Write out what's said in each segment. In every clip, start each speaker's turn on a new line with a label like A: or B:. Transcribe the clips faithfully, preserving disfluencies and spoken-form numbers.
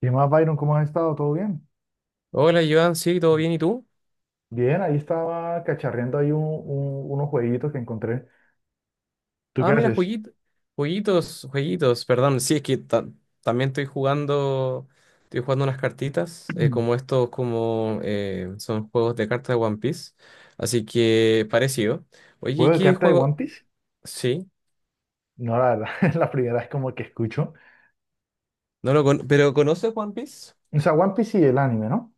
A: ¿Qué más, Byron? ¿Cómo has estado? ¿Todo bien?
B: Hola, Joan, sí, ¿todo bien? ¿Y tú?
A: Bien, ahí estaba cacharreando ahí un- un- unos jueguitos que encontré. ¿Tú qué
B: Ah, mira,
A: haces?
B: jueguitos, jueguitos, jueguitos, perdón. Sí, es que ta- también estoy jugando, estoy jugando unas cartitas, eh, como estos, como eh, son juegos de cartas de One Piece. Así que parecido. Oye, ¿y
A: ¿Juego de
B: qué
A: carta de One
B: juego?
A: Piece?
B: Sí,
A: No, la verdad, es la primera vez como que escucho.
B: no lo con- pero ¿conoces One Piece?
A: O sea, One Piece y el anime, ¿no?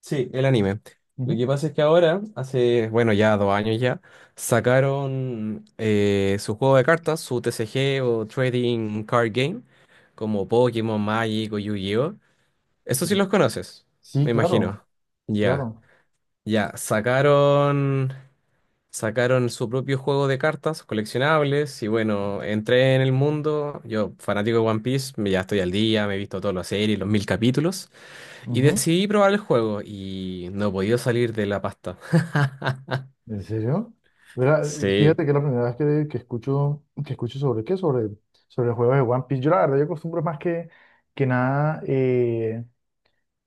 B: Sí, el anime. Lo
A: Ujú.
B: que pasa es que ahora, hace, bueno, ya dos años ya, sacaron eh, su juego de cartas, su T C G o Trading Card Game, como Pokémon, Magic o Yu-Gi-Oh. Eso sí los conoces,
A: Sí,
B: me
A: claro,
B: imagino. Ya,
A: claro.
B: ya. Sacaron, sacaron su propio juego de cartas coleccionables y bueno, entré en el mundo. Yo, fanático de One Piece, me ya estoy al día, me he visto todas las series, los mil capítulos. Y
A: Ujú.
B: decidí probar el juego y no he podido salir de la pasta.
A: ¿En serio? Mira,
B: Sí.
A: fíjate que es la primera vez que, que escucho, que escucho sobre qué, sobre, sobre el juego de One Piece. Yo la verdad, yo acostumbro más que, que nada, eh,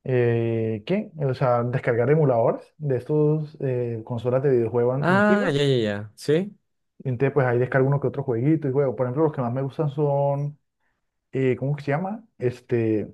A: eh, ¿qué? O sea, descargar emuladores de estos, eh, consolas de videojuegos an-
B: Ah, ya,
A: antiguos.
B: ya, ya. ¿Sí?
A: Y entonces, pues ahí descargo uno que otro jueguito y juego. Por ejemplo, los que más me gustan son, eh, ¿cómo que se llama? Este,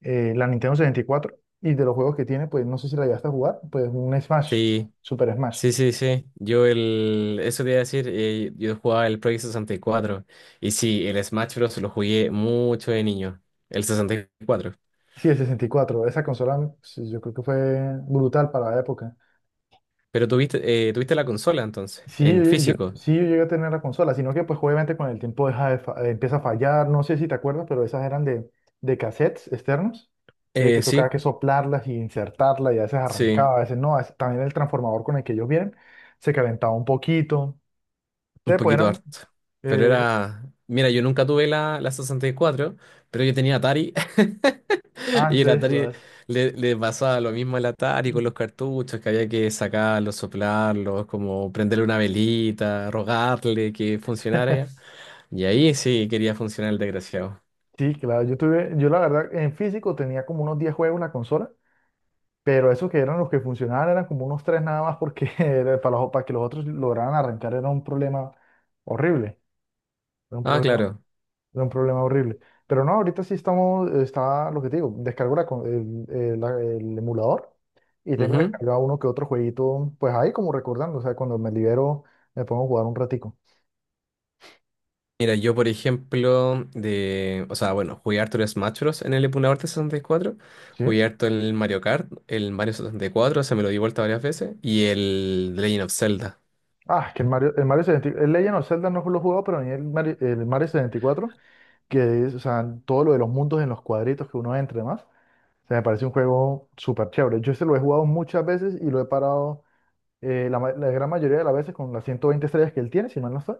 A: eh, la Nintendo sesenta y cuatro, y de los juegos que tiene, pues no sé si la llegaste a jugar, pues un Smash,
B: Sí.
A: Super Smash.
B: Sí, sí, sí. Yo el... Eso te iba a decir, eh, yo jugaba el Project sesenta y cuatro. Y cuatro. Y sí, el Smash Bros. Lo jugué mucho de niño. El sesenta y cuatro.
A: Sí, el sesenta y cuatro. Esa consola, sí, yo creo que fue brutal para la época.
B: Pero tuviste, eh, tuviste la consola entonces,
A: Sí,
B: en
A: yo, yo-
B: físico.
A: sí, yo llegué a tener la consola, sino que pues obviamente con el tiempo deja de fa- eh, empieza a fallar, no sé si te acuerdas, pero esas eran de, de cassettes externos, de que
B: Eh, sí,
A: tocaba que soplarlas y insertarlas, y a veces
B: sí,
A: arrancaba, a veces no, a veces también el transformador con el que ellos vienen se calentaba un poquito.
B: un
A: Entonces pues
B: poquito
A: eran,
B: harto. Pero
A: eh,
B: era... Mira, yo nunca tuve la, la sesenta y cuatro, pero yo tenía Atari. Y el
A: antes
B: Atari
A: jugabas.
B: le, le pasaba lo mismo al Atari con los cartuchos, que había que sacarlos, soplarlos, como prenderle una velita, rogarle que funcionara. Y ahí sí quería funcionar el desgraciado.
A: Sí, claro, yo tuve, yo la verdad en físico tenía como unos diez juegos en la consola. Pero esos que eran los que funcionaban eran como unos tres nada más, porque era para, los- para que los otros lograran arrancar era un problema horrible, era un
B: Ah,
A: problema,
B: claro.
A: era un problema horrible. Pero no, ahorita sí estamos, está lo que te digo, descargo la co- el, el- la- el emulador, y tengo
B: Ujú.
A: descargado uno que otro jueguito, pues ahí como recordando, o sea, cuando me libero me pongo a jugar un ratico.
B: Mira, yo por ejemplo, de, o sea, bueno, jugué harto el Smash Bros. En el emulador de sesenta y cuatro,
A: ¿Sí?
B: jugué harto el Mario Kart, el Mario sesenta y cuatro se me lo di vuelta varias veces, y el The Legend of Zelda.
A: Ah, es que el Mario, el Mario sesenta y cuatro, el Legend of Zelda no lo he jugado, pero a mí el Mario, el Mario setenta y cuatro, que es, o sea, todo lo de los mundos en los cuadritos que uno entra y demás, se me parece un juego súper chévere. Yo este lo he jugado muchas veces y lo he parado, eh, la, ma- la gran mayoría de las veces con las ciento veinte estrellas que él tiene, si mal no estoy.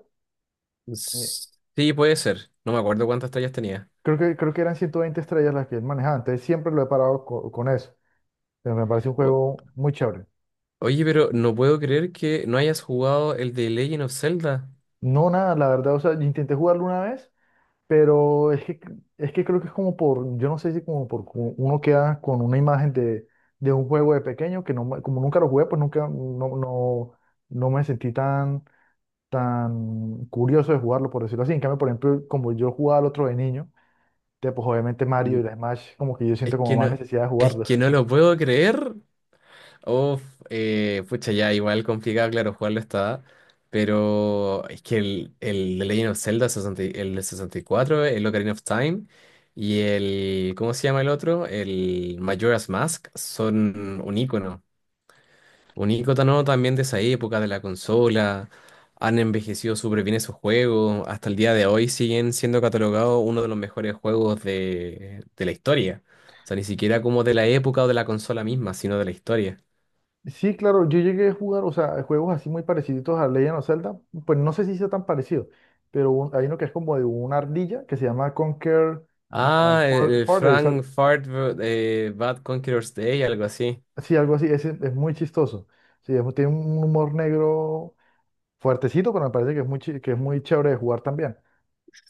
A: Eh,
B: S- Sí, puede ser, no me acuerdo cuántas estrellas tenía.
A: creo que, creo que eran ciento veinte estrellas las que él manejaba, entonces siempre lo he parado co- con eso. Pero me parece un juego muy chévere.
B: Oye, pero no puedo creer que no hayas jugado el de Legend of Zelda.
A: No, nada, la verdad, o sea, yo intenté jugarlo una vez, pero es que, es que creo que es como por, yo no sé si como por cu- uno queda con una imagen de, de un juego de pequeño que no, me- como nunca lo jugué, pues nunca, no, no, no me sentí tan tan curioso de jugarlo, por decirlo así. En cambio, por ejemplo, como yo jugaba al otro de niño, te- pues obviamente Mario
B: Mm.
A: y la Smash, como que yo
B: Es
A: siento como
B: que
A: más
B: no,
A: necesidad de
B: es
A: jugarlos.
B: que no lo puedo creer. Uf, eh, pucha, ya igual complicado, claro, jugarlo está. Pero es que el, el de Legend of Zelda, sesenta y- el de sesenta y cuatro, el Ocarina of Time y el, ¿cómo se llama el otro? El Majora's Mask son un ícono. Un icono también de esa época, de la consola. Han envejecido súper bien esos juegos. Hasta el día de hoy siguen siendo catalogados uno de los mejores juegos de, de la historia. O sea, ni siquiera como de la época o de la consola misma, sino de la historia.
A: Sí, claro, yo llegué a jugar, o sea, juegos así muy parecidos a Legend of Zelda, pues no sé si sea tan parecido, pero un- hay uno que es como de una ardilla que se llama Conquer, uh,
B: Ah, el,
A: For-
B: el
A: Fortress, al-
B: Frank Fart eh, Bad Conqueror's Day, algo así.
A: sí, algo así, ese es muy chistoso. Sí, es- tiene un humor negro fuertecito, pero me parece que es muy, chi- que es muy chévere de jugar también.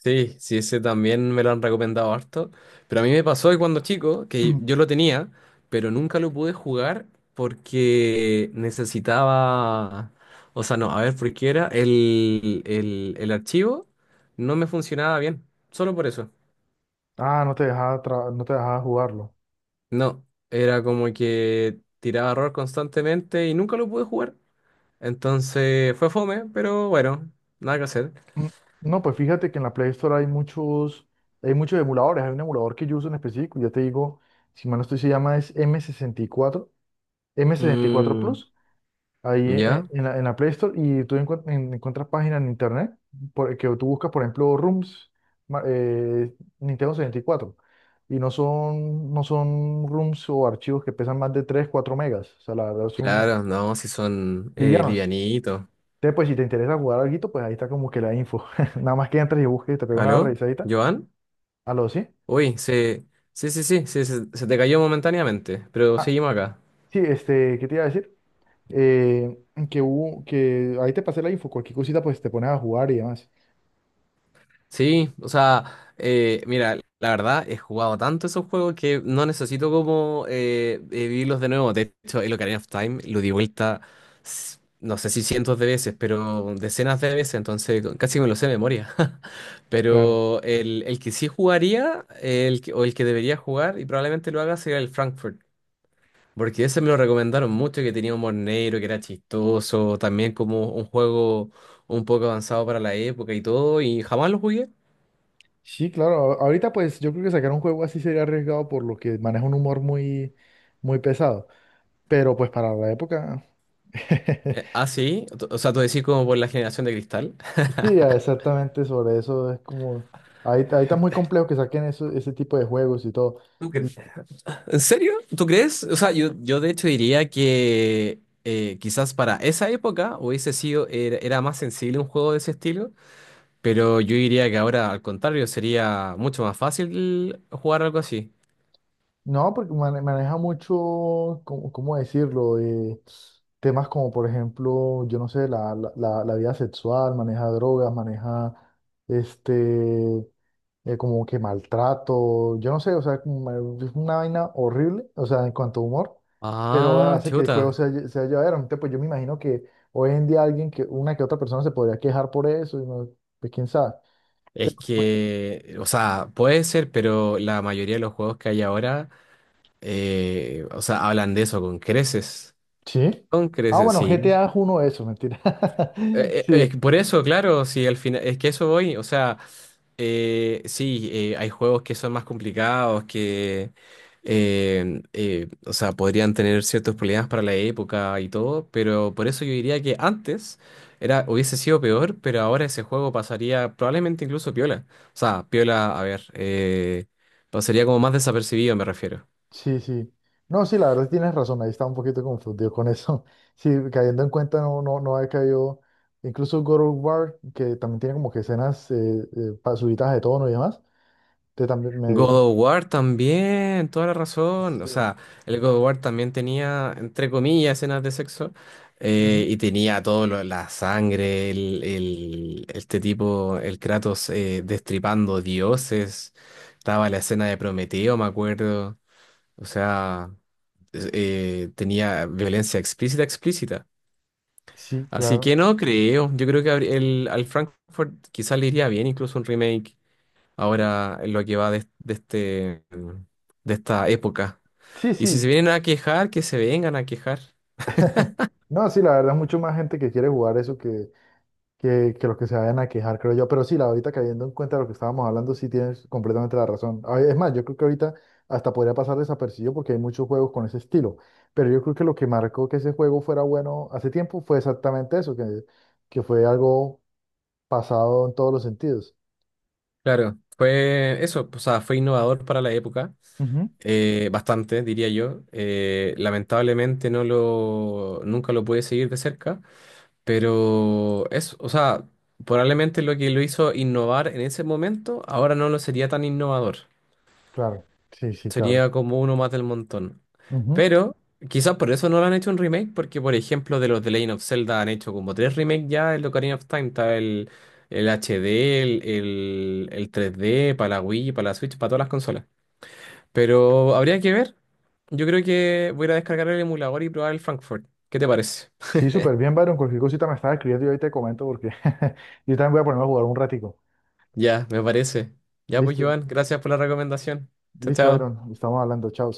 B: Sí, sí, ese también me lo han recomendado harto. Pero a mí me pasó que cuando chico, que yo lo tenía, pero nunca lo pude jugar porque necesitaba. O sea, no, a ver, por qué era. El, el, el archivo no me funcionaba bien. Solo por eso.
A: Ah, no te dejaba, tra- no te dejaba jugarlo.
B: No, era como que tiraba error constantemente y nunca lo pude jugar. Entonces fue fome, pero bueno, nada que hacer.
A: Mm, no, pues fíjate que en la Play Store hay muchos, hay muchos emuladores. Hay un emulador que yo uso en específico, ya te digo, si mal no estoy, se llama es m sesenta y cuatro, m sesenta y cuatro
B: Mm,
A: Plus, ahí eh,
B: ya,
A: en la, en la Play Store, y tú encuent- en- encuentras páginas en internet, por, que tú buscas, por ejemplo, ROMs, ma- eh, Nintendo sesenta y cuatro, y cuatro, y no son, no son ROMs o archivos que pesan más de tres, cuatro megas, o sea, la verdad son
B: claro, no, si son eh,
A: livianos.
B: livianitos.
A: Entonces, pues si te interesa jugar algo, pues ahí está como que la info. Nada más que entres y busques y te pegas una
B: ¿Aló?
A: revisadita.
B: ¿Joan?
A: Aló, sí.
B: Uy, se... sí, sí, sí, sí, se, se te cayó momentáneamente, pero
A: Ah,
B: seguimos acá.
A: sí, este, ¿qué te iba a decir? Eh, que hubo, que ahí te pasé la info, cualquier cosita pues te pones a jugar y demás.
B: Sí, o sea, eh, mira, la verdad, he jugado tanto esos juegos que no necesito como eh, eh, vivirlos de nuevo. De hecho, el Ocarina of Time lo di vuelta, s- no sé si cientos de veces, pero decenas de veces, entonces casi me lo sé de memoria.
A: Claro.
B: Pero el, el que sí jugaría, el que- o el que debería jugar, y probablemente lo haga, sería el Frankfurt. Porque ese me lo recomendaron mucho, que tenía humor negro, que era chistoso, también como un juego un poco avanzado para la época y todo, y jamás lo jugué.
A: Sí, claro, a- ahorita pues yo creo que sacar un juego así sería arriesgado por lo que maneja un humor muy, muy pesado. Pero pues para la época.
B: Eh, ah, sí, Tú- o sea, tú decís como por la generación de cristal.
A: Sí, exactamente sobre eso es como. Ahí, ahí está muy complejo que saquen eso, ese tipo de juegos y todo.
B: ¿Tú cre- ¿En serio? ¿Tú crees? O sea, yo, yo de hecho diría que eh, quizás para esa época hubiese sido, era, era más sensible un juego de ese estilo, pero yo diría que ahora al contrario sería mucho más fácil jugar algo así.
A: No, porque mane- maneja mucho, ¿cómo, ¿cómo decirlo? Eh, temas como, por ejemplo, yo no sé, la, la, la- la vida sexual, maneja drogas, maneja, este, eh, como que maltrato, yo no sé, o sea, como, eh, es una vaina horrible, o sea, en cuanto a humor, pero
B: Ah,
A: hace que el juego
B: chuta.
A: sea, lle- sea llevadero. Entonces, pues yo me imagino que hoy en día alguien que, una que otra persona se podría quejar por eso, y no, pues quién sabe.
B: Es que, o sea, puede ser, pero la mayoría de los juegos que hay ahora, eh, o sea, hablan de eso con creces.
A: Sí.
B: Con
A: Ah,
B: creces,
A: bueno, G T
B: sí.
A: A es uno de esos, mentira.
B: Eh, eh,
A: Sí.
B: es que por eso, claro, sí, al final, es que eso voy, o sea, eh, sí, eh, hay juegos que son más complicados, que, eh, eh, o sea, podrían tener ciertos problemas para la época y todo, pero por eso yo diría que antes era, hubiese sido peor, pero ahora ese juego pasaría probablemente incluso piola. O sea, piola, a ver, eh, pasaría como más desapercibido, me refiero.
A: Sí, sí. No, sí, la verdad sí tienes razón, ahí estaba un poquito confundido con eso. Sí, cayendo en cuenta no, no, no había caído. Incluso God of War, que también tiene como que escenas, eh, eh, pa- subidas de tono y demás, te también me...
B: God of War también, toda la razón. O
A: Sí,
B: sea, el God of War también tenía, entre comillas, escenas de sexo. Eh,
A: ujú.
B: y tenía todo lo- la sangre, el, el- este tipo, el Kratos eh, destripando dioses. Estaba la escena de Prometeo, me acuerdo. O sea, es- eh, tenía violencia explícita, explícita.
A: Sí,
B: Así que
A: claro.
B: no creo. Yo creo que habría- el, al Frankfurt quizás le iría bien incluso un remake ahora en lo que va de, de este, de esta época.
A: Sí,
B: Y si se
A: sí.
B: vienen a quejar, que se vengan a quejar.
A: No, sí, la verdad es mucho más gente que quiere jugar eso que, que, que los que se vayan a quejar, creo yo. Pero sí, la ahorita cayendo en cuenta de lo que estábamos hablando, sí tienes completamente la razón. A ver, es más, yo creo que ahorita hasta podría pasar desapercibido porque hay muchos juegos con ese estilo. Pero yo creo que lo que marcó que ese juego fuera bueno hace tiempo fue exactamente eso, que, que fue algo pasado en todos los sentidos.
B: Claro, fue eso, o sea, fue innovador para la época,
A: Ujú.
B: eh, bastante, diría yo. Eh, lamentablemente no lo, nunca lo pude seguir de cerca, pero es o sea, probablemente lo que lo hizo innovar en ese momento, ahora no lo sería tan innovador.
A: Claro, sí, sí, claro.
B: Sería como uno más del montón.
A: Ujú.
B: Pero quizás por eso no lo han hecho un remake, porque por ejemplo de los de Legend of Zelda han hecho como tres remakes ya, el Ocarina of Time, está el, el H D, el, el, el tres D, para la Wii, para la Switch, para todas las consolas. Pero habría que ver. Yo creo que voy a ir a descargar el emulador y probar el Frankfurt. ¿Qué te parece?
A: Sí, súper bien, Byron. Cualquier cosita me estaba escribiendo y ahí te comento, porque yo también voy a ponerme a jugar un ratico.
B: Ya, me parece. Ya pues,
A: Listo,
B: Joan, gracias por la recomendación. Chao,
A: listo,
B: chao.
A: Byron. Estamos hablando. Chao.